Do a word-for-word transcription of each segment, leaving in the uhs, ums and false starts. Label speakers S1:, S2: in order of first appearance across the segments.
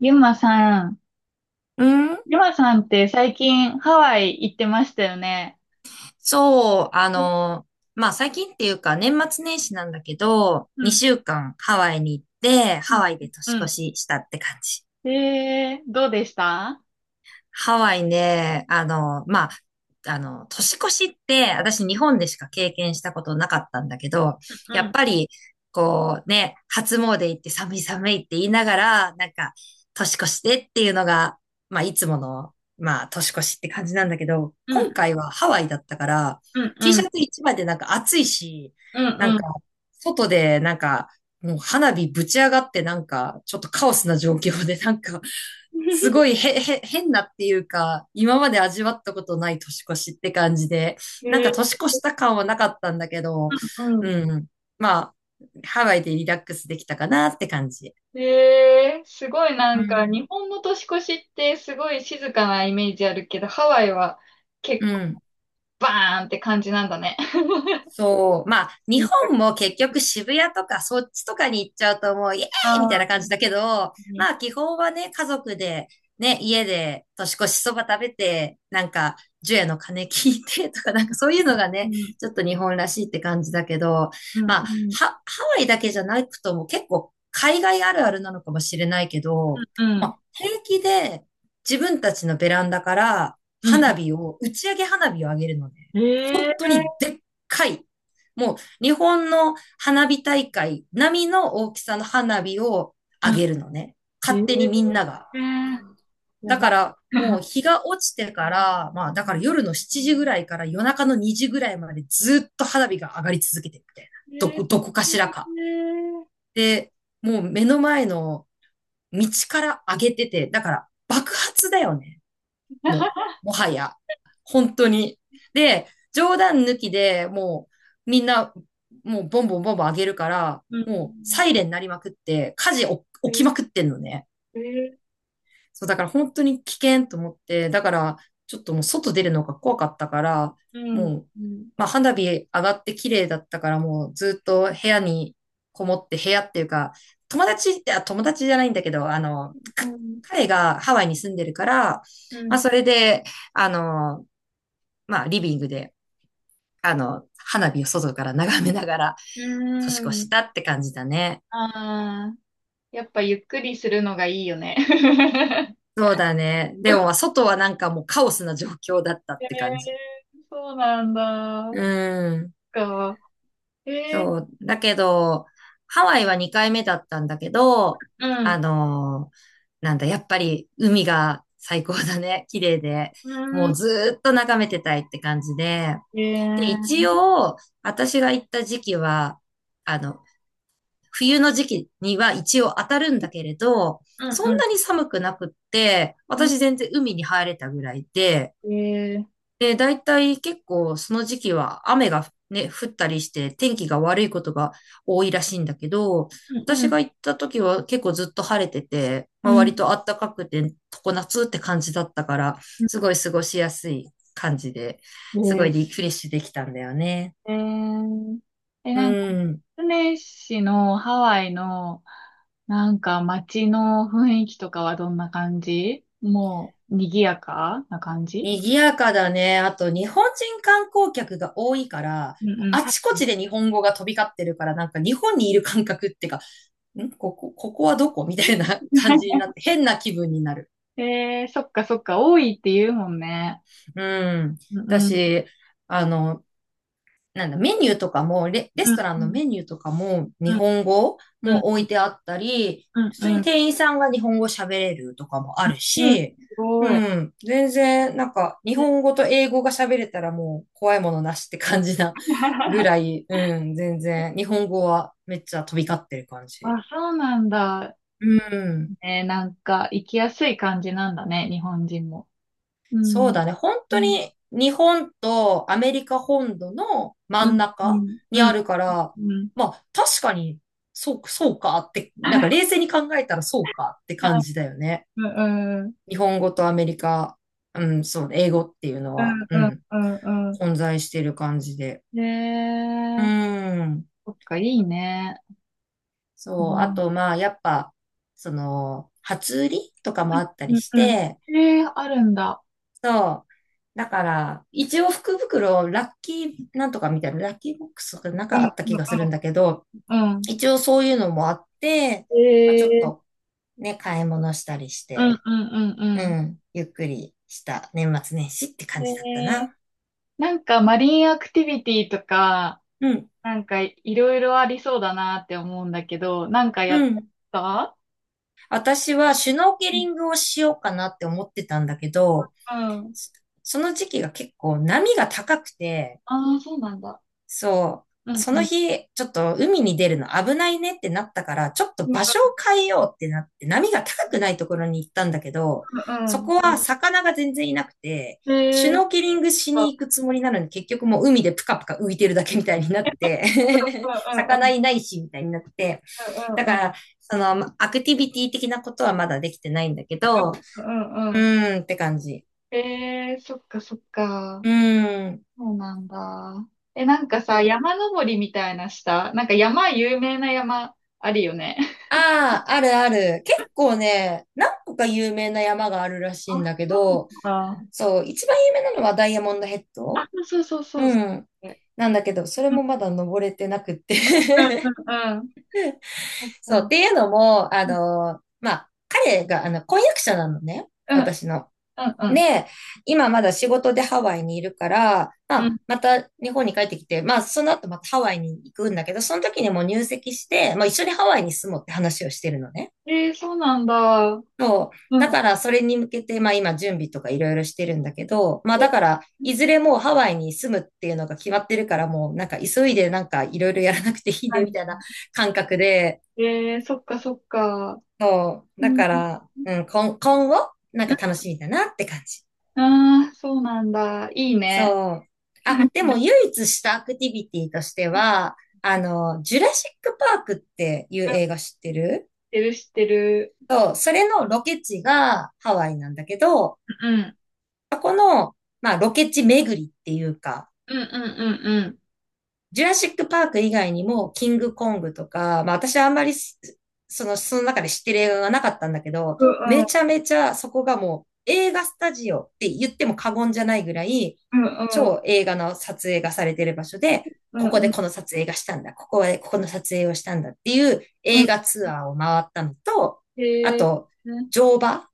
S1: ゆまさん、
S2: うん、
S1: ゆまさんって最近ハワイ行ってましたよね。
S2: そう、あ
S1: うん、
S2: の、まあ、最近っていうか、年末年始なんだけど、
S1: うん、
S2: にしゅうかんハワイに行って、ハワイで
S1: う
S2: 年越
S1: ん。
S2: ししたって感じ。
S1: うんえー、どうでした？
S2: ハワイね、あの、まあ、あの、年越しって、私日本でしか経験したことなかったんだけど、や
S1: う
S2: っ
S1: ん、
S2: ぱり、こうね、初詣行って寒い寒いって言いながら、なんか、年越してっていうのが、まあ、いつもの、まあ、年越しって感じなんだけど、
S1: うん、
S2: 今回はハワイだったから、
S1: うん、
S2: T
S1: う
S2: シ
S1: ん、
S2: ャツ一枚でなんか暑いし、
S1: うん、
S2: なん
S1: う
S2: か、
S1: ん。
S2: 外でなんか、もう花火ぶち上がってなんか、ちょっとカオスな状況でなんか、
S1: うん
S2: すごいへ、へ、変なっていうか、今まで味わったことない年越しって感じで、なん
S1: え
S2: か
S1: ー、
S2: 年越した感はなかったんだけど、
S1: うん、うん。
S2: うん。まあ、ハワイでリラックスできたかなって感じ。
S1: えー、すごいな
S2: う
S1: んか
S2: ん。
S1: 日本の年越しってすごい静かなイメージあるけど、ハワイは
S2: う
S1: 結構
S2: ん。
S1: バーンって感じなんだね。
S2: そう。まあ、日
S1: 似た
S2: 本も結局渋谷とかそっちとかに行っちゃうともうイエーイみたい
S1: あ
S2: な感じだけど、まあ
S1: ー
S2: 基本はね、家族で、ね、家で年越しそば食べて、なんか、除夜の鐘聞いてとか、なんかそういうのが
S1: う
S2: ね、
S1: ん、
S2: ちょっと日本らしいって感じだけど、
S1: うん、
S2: まあ、
S1: うん、
S2: ハ、ハワイだけじゃなくとも結構海外あるあるなのかもしれないけど、
S1: うん、う
S2: ま
S1: ん。
S2: あ、平気で自分たちのベランダから
S1: うん
S2: 花火を、打ち上げ花火を上げるのね。本当に
S1: え
S2: でっ回、もう日本の花火大会並みの大きさの花火をあ
S1: ー
S2: げるのね。
S1: え
S2: 勝手にみんなが。
S1: えー、や
S2: だ
S1: ば。
S2: からも う日が落ちてから、まあだから夜のしちじぐらいから夜中のにじぐらいまでずっと花火が上がり続けてるみたいな。ど
S1: え
S2: こ、どこか
S1: え
S2: しらか。
S1: ー、
S2: で、もう目の前の道から上げてて、だから爆発だよね。もう、もはや。本当に。で、冗談抜きでもう、みんな、もうボンボンボンボン上げるから、
S1: うん、
S2: もう、サイレン鳴りまくって、火事お起きま
S1: え
S2: くってんのね。
S1: えー、
S2: そう、だから本当に危険と思って、だからちょっともう外出るのが怖かったから、
S1: う
S2: も
S1: ん、
S2: う、
S1: うん、
S2: まあ花火上がって綺麗だったからもうずっと部屋にこもって部屋っていうか、友達って、友達じゃないんだけど、あの、
S1: う
S2: か
S1: ん、
S2: 彼がハワイに住んでるから、
S1: う
S2: まあ
S1: ん、
S2: それで、あの、まあリビングで、あの、花火を外から眺めながら
S1: う
S2: 年越し
S1: ん。
S2: たって感じだね。
S1: ああ、やっぱゆっくりするのがいいよね。
S2: そうだね。でも、まあ外はなんかもうカオスな状況だった
S1: え
S2: って感じ。
S1: えー、そうなんだ。
S2: う
S1: そ
S2: ん。
S1: っか。え
S2: そう。だけど、ハワイはにかいめだったんだけど、
S1: ー、う
S2: あ
S1: ん、
S2: のーなんだ、やっぱり海が最高だね。綺麗で。
S1: う
S2: もう
S1: ん、
S2: ずーっと眺めてたいって感じで。
S1: え
S2: で、一
S1: ー、
S2: 応、私が行った時期は、あの、冬の時期には一応当たるんだけれど、
S1: う
S2: そん
S1: ん、
S2: なに寒くなくって、
S1: うん、
S2: 私全然海に入れたぐらいで、
S1: うん、えー、
S2: で、大体結構その時期は雨がね、降ったりして天気が悪いことが多いらしいんだけど、
S1: う
S2: 私
S1: ん、
S2: が行った時は結構ずっと晴れてて、ま
S1: う
S2: あ、
S1: ん、うん、
S2: 割と暖かくて常夏って感じだったから、すごい過ごしやすい感じで、
S1: う
S2: す
S1: ん
S2: ご
S1: え
S2: い
S1: ー
S2: リフレッシュできたんだよね。
S1: えー、え、
S2: う
S1: なんか、
S2: ん。
S1: スネ市のハワイの、なんか街の雰囲気とかはどんな感じ？もう、賑やかな感じ？
S2: 賑やかだね。あと、日本人観光客が多いから、
S1: うん
S2: もう
S1: うん。
S2: あちこちで日本語が飛び交ってるから、なんか日本にいる感覚ってんここ、ここはどこみたいな 感じにな って、変な気分になる。
S1: えー、そっかそっか、多いって言うもんね。
S2: うん。
S1: うんうん。
S2: 私、あの、なんだ、メニューとかもレ、レ
S1: う
S2: ス
S1: ん
S2: トラン
S1: う
S2: の
S1: ん。
S2: メニューとかも、日
S1: うん
S2: 本語
S1: う
S2: も置
S1: ん。
S2: いてあったり、
S1: うん
S2: 普通に
S1: うん。
S2: 店員さんが日本語喋れるとかもある
S1: うんす
S2: し、う
S1: ごい。
S2: ん、全然、なんか、日
S1: ね
S2: 本語と英語が喋れたらもう怖いものなしって感じな ぐら い、うん、全然、日本語はめっちゃ飛び交ってる感じ。
S1: あ、そうなんだ。
S2: うん。
S1: ね、なんか、行きやすい感じなんだね、日本人も。う
S2: そう
S1: ん。
S2: だね。本
S1: う
S2: 当
S1: ん。
S2: に日本とアメリカ本土の真
S1: う
S2: ん
S1: ん。う
S2: 中
S1: ん。
S2: に
S1: う
S2: あ
S1: ん。
S2: るから、
S1: うん。
S2: まあ確かに、そう、そうかって、なんか 冷静に考えたらそうかって感じだよね。
S1: うん、うん、
S2: 日本語とアメリカ、うん、そう、英語っていうの
S1: うん、
S2: は、う
S1: うん、
S2: ん、
S1: うんう
S2: 混在してる感じで。
S1: ん。
S2: う
S1: ねえ、
S2: ん、
S1: そっか、いいね。う
S2: そう。あ
S1: ん、
S2: と、まあやっぱ、その、初売りとかもあった
S1: う
S2: り
S1: ん、
S2: し
S1: うん。
S2: て、
S1: ええ、あるんだ。
S2: そう。だから、一応福袋、ラッキーなんとかみたいな、ラッキーボックスとかなん
S1: う
S2: か
S1: ん、
S2: あった
S1: う
S2: 気がするん
S1: ん、
S2: だけど、
S1: うん。うん。
S2: 一応そういうのもあって、まあ、ちょっ
S1: ええ、
S2: とね、買い物したりし
S1: うん、
S2: て、
S1: うん、う
S2: う
S1: ん、
S2: ん、ゆっくりした年末年始って
S1: うん。
S2: 感じだった
S1: ええ、
S2: な。
S1: なんかマリンアクティビティとか、
S2: うん、
S1: なんかいろいろありそうだなって思うんだけど、なんかやっ
S2: う
S1: て
S2: ん。
S1: た？
S2: 私はシュノーケ
S1: う
S2: リ
S1: ん。
S2: ングをしようかなって思ってたんだけど、そその時期が結構波が高くて、
S1: ああー、そうなんだ。
S2: そ
S1: う
S2: う。
S1: ん、
S2: そ
S1: う
S2: の
S1: ん。
S2: 日、ちょっと海に出るの危ないねってなったから、ちょっと
S1: うん、
S2: 場所を変えようってなって、波が高
S1: う
S2: く
S1: ん、
S2: ないところに行ったんだけど、
S1: う
S2: そ
S1: ん。う
S2: こは魚が全然いなくて、
S1: ん。ええ、
S2: シ
S1: う
S2: ュ
S1: ん、うん、
S2: ノーケリングしに行くつもりなのに、結局もう海でプカプカ浮いてるだけみたいになっ
S1: う
S2: て、
S1: ん、う
S2: 魚
S1: ん。
S2: いないし、みたいになって。
S1: う
S2: だか
S1: んうん
S2: ら、その、アクティビティ的なことはまだできてないんだけど、
S1: うんうん
S2: う
S1: うん。
S2: ーんって感じ。
S1: えー、そっかそっか。
S2: うーん。
S1: そうなんだ。え、なんかさ、山登りみたいなした？なんか山、有名な山あるよね。
S2: ああ、あるある。結構ね、何個か有名な山があるら
S1: あ、
S2: しいんだけ
S1: そう
S2: ど、
S1: なんだ。
S2: そう、一番有名なのはダイヤモンドヘッド
S1: あ、そうそうそう
S2: う
S1: そ
S2: ん。
S1: う。
S2: なんだけど、それ
S1: うん
S2: もまだ登れてなくって
S1: うんうんうん。そっ
S2: そう、っ
S1: か
S2: ていうのも、あ
S1: うん
S2: の、まあ、彼が、あの、婚約者なのね。
S1: うん
S2: 私の。
S1: うん
S2: で、今まだ仕事でハワイにいるから、ま
S1: う
S2: あ、
S1: ん。
S2: また日本に帰ってきて、まあ、その後またハワイに行くんだけど、その時にもう入籍して、まあ、一緒にハワイに住もうって話をしてるのね。
S1: えー、そうなんだ。
S2: そう。
S1: う
S2: だ
S1: ん。
S2: から、それに向けて、まあ今、準備とかいろいろしてるんだけど、まあだ
S1: え、
S2: から、いずれもうハワイに住むっていうのが決まってるから、もうなんか急いでなんかいろいろやらなくていいね、
S1: 確か
S2: みたい
S1: に
S2: な 感覚で、
S1: えー、そっかそっか。
S2: そう。だ
S1: うん
S2: から、うん、今、今後、なん
S1: う
S2: か
S1: ん。
S2: 楽しみだなって感じ。
S1: ああ、そうなんだ。いいね。
S2: そう。あ、でも唯一したアクティビティとして
S1: うん
S2: は、あの、ジュラシックパークっていう映画知って
S1: 知っ
S2: る
S1: てる知ってる。
S2: そう、それのロケ地がハワイなんだけど、
S1: うん。
S2: そこの、まあ、ロケ地巡りっていうか、
S1: うんうんうんうん。
S2: ジュラシックパーク以外にも、キングコングとか、まあ、私はあんまりす、その、その中で知ってる映画がなかったんだけど、
S1: う
S2: め
S1: ん
S2: ちゃめちゃそこがもう、映画スタジオって言っても過言じゃないぐらい、
S1: うん
S2: 超映画の撮影がされてる場所で、
S1: うん
S2: こ
S1: う
S2: こ
S1: ん
S2: で
S1: うん
S2: この撮影がしたんだ、ここでここの撮影をしたんだっていう
S1: うん。
S2: 映画ツアーを回ったのと、あ
S1: へえ。
S2: と、
S1: うん。
S2: 乗馬、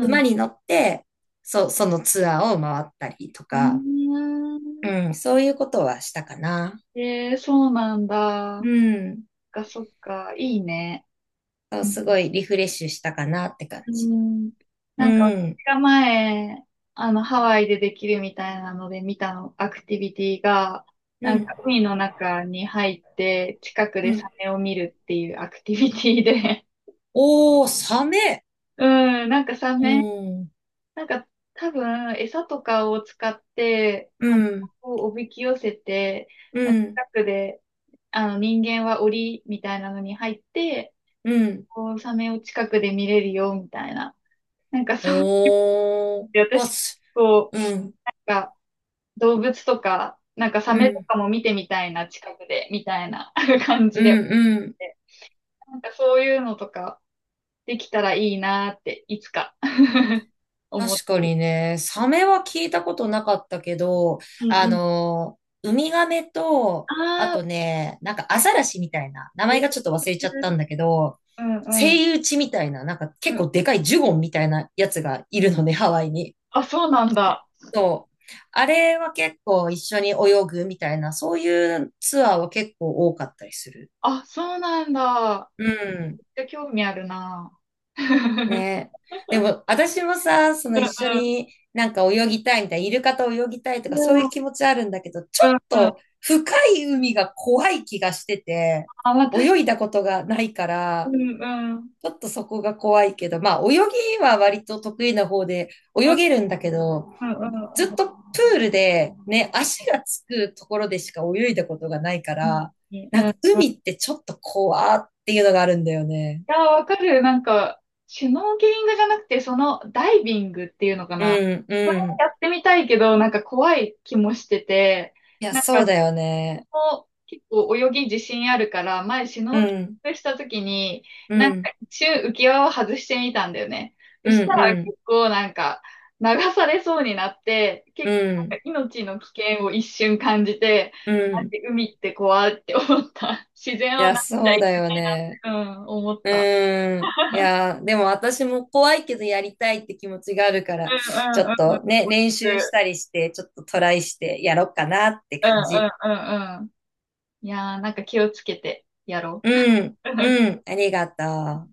S2: 馬に乗って、そ、そのツアーを回ったりと
S1: う
S2: か、
S1: ーん。
S2: うん、そういうことはしたかな。
S1: えー、そうなんだ。そ
S2: う
S1: っ
S2: ん。
S1: か、そっか。いいね。
S2: そう
S1: うん。
S2: すごいリフレッシュしたかなって感
S1: う
S2: じ。
S1: ん。なんか
S2: う
S1: 私
S2: ん。
S1: が前、あの、ハワイでできるみたいなので見たの、アクティビティが、
S2: う
S1: なん
S2: ん、
S1: か海の中に入って、近く
S2: う
S1: でサ
S2: ん。
S1: メを見るっていうアクティビティで、
S2: おー、サメ。
S1: うん、なんかサ
S2: う
S1: メ
S2: ん。
S1: なんか多分餌とかを使って
S2: う
S1: 卵
S2: ん。
S1: をおびき寄せて、
S2: う
S1: まあ
S2: ん。
S1: 近くであの人間は檻みたいなのに入って、
S2: うん。
S1: こうサメを近くで見れるよみたいな。なんかそう、
S2: おー、
S1: で
S2: ボ
S1: 私、
S2: ス。
S1: こう、
S2: うん。
S1: なんか動物とか、なんかサ
S2: う
S1: メと
S2: ん。
S1: かも見てみたいな、近くで、みたいな 感
S2: う
S1: じで。
S2: ん。うん。
S1: なんかそういうのとかできたらいいなって、いつか 思っ
S2: 確か
S1: てる。
S2: にね、サメは聞いたことなかったけど、
S1: うん
S2: あ
S1: うん。
S2: の、ウミガメと、あ
S1: ああ、
S2: とね、なんかアザラシみたいな、名前がちょっと忘れちゃったんだけど、
S1: うんう
S2: セ
S1: ん。
S2: イウチみたいな、なんか
S1: う
S2: 結
S1: ん。
S2: 構でかいジュゴンみたいなやつがいるのね、ハワイに。
S1: あ、そうなんだ。
S2: そう。あれは結構一緒に泳ぐみたいな、そういうツアーは結構多かったりする。
S1: あ、そうなんだ。
S2: うん。
S1: めっちゃ興味あるな。うん
S2: ねでも、私もさ、その一緒
S1: う
S2: になんか泳ぎたいみたいな、イルカと泳ぎたいとかそうい
S1: ん。
S2: う気持ちあるんだけど、ちょ
S1: うん
S2: っ
S1: うんうん。
S2: と深い海が怖い気がしてて、
S1: まあ、私、
S2: 泳いだことがないか
S1: う
S2: ら、
S1: んうん。
S2: ちょっとそこが怖いけど、まあ泳ぎは割と得意な方で
S1: う
S2: 泳
S1: ん
S2: げるんだけど、
S1: うんうん
S2: ず
S1: う
S2: っ
S1: ん。
S2: とプールでね、足がつくところでしか泳いだことがないか
S1: うん。
S2: ら、
S1: い
S2: なんか海ってちょっと怖っていうのがあるんだよね。
S1: や、わかる。なんか、シュノーケリングじゃなくて、そのダイビングっていうのか
S2: う
S1: な。
S2: ん、
S1: そ
S2: う
S1: れも
S2: ん。
S1: やってみたいけど、なんか怖い気もしてて、
S2: いや、
S1: なん
S2: そう
S1: か
S2: だよね。
S1: も結構泳ぎ自信あるから、前シュ
S2: う
S1: ノーケ
S2: ん、
S1: リングした時に、
S2: う
S1: なんか
S2: ん、
S1: 一瞬浮き輪を外してみたんだよね。そ
S2: うん、
S1: した
S2: う
S1: ら
S2: ん、
S1: 結構なんか流されそうになって、
S2: う
S1: 結構な
S2: ん、
S1: んか命の危険を一瞬感じて、
S2: う
S1: なん
S2: ん。
S1: て海って怖いって思った。自然
S2: い
S1: を
S2: や、
S1: なっちゃ
S2: そう
S1: い
S2: だよね。
S1: けない、うん、思っ
S2: う
S1: た。
S2: ん。いや、でも私も怖いけどやりたいって気持ちがあるから、
S1: うんう
S2: ちょ
S1: んう
S2: っ
S1: んう
S2: と
S1: ん。
S2: ね、練習したりして、ちょっとトライしてやろうかなって
S1: うんう
S2: 感
S1: ん
S2: じ。
S1: うんうん。いやー、なんか気をつけてやろ
S2: う
S1: う。
S2: ん、うん、ありがとう。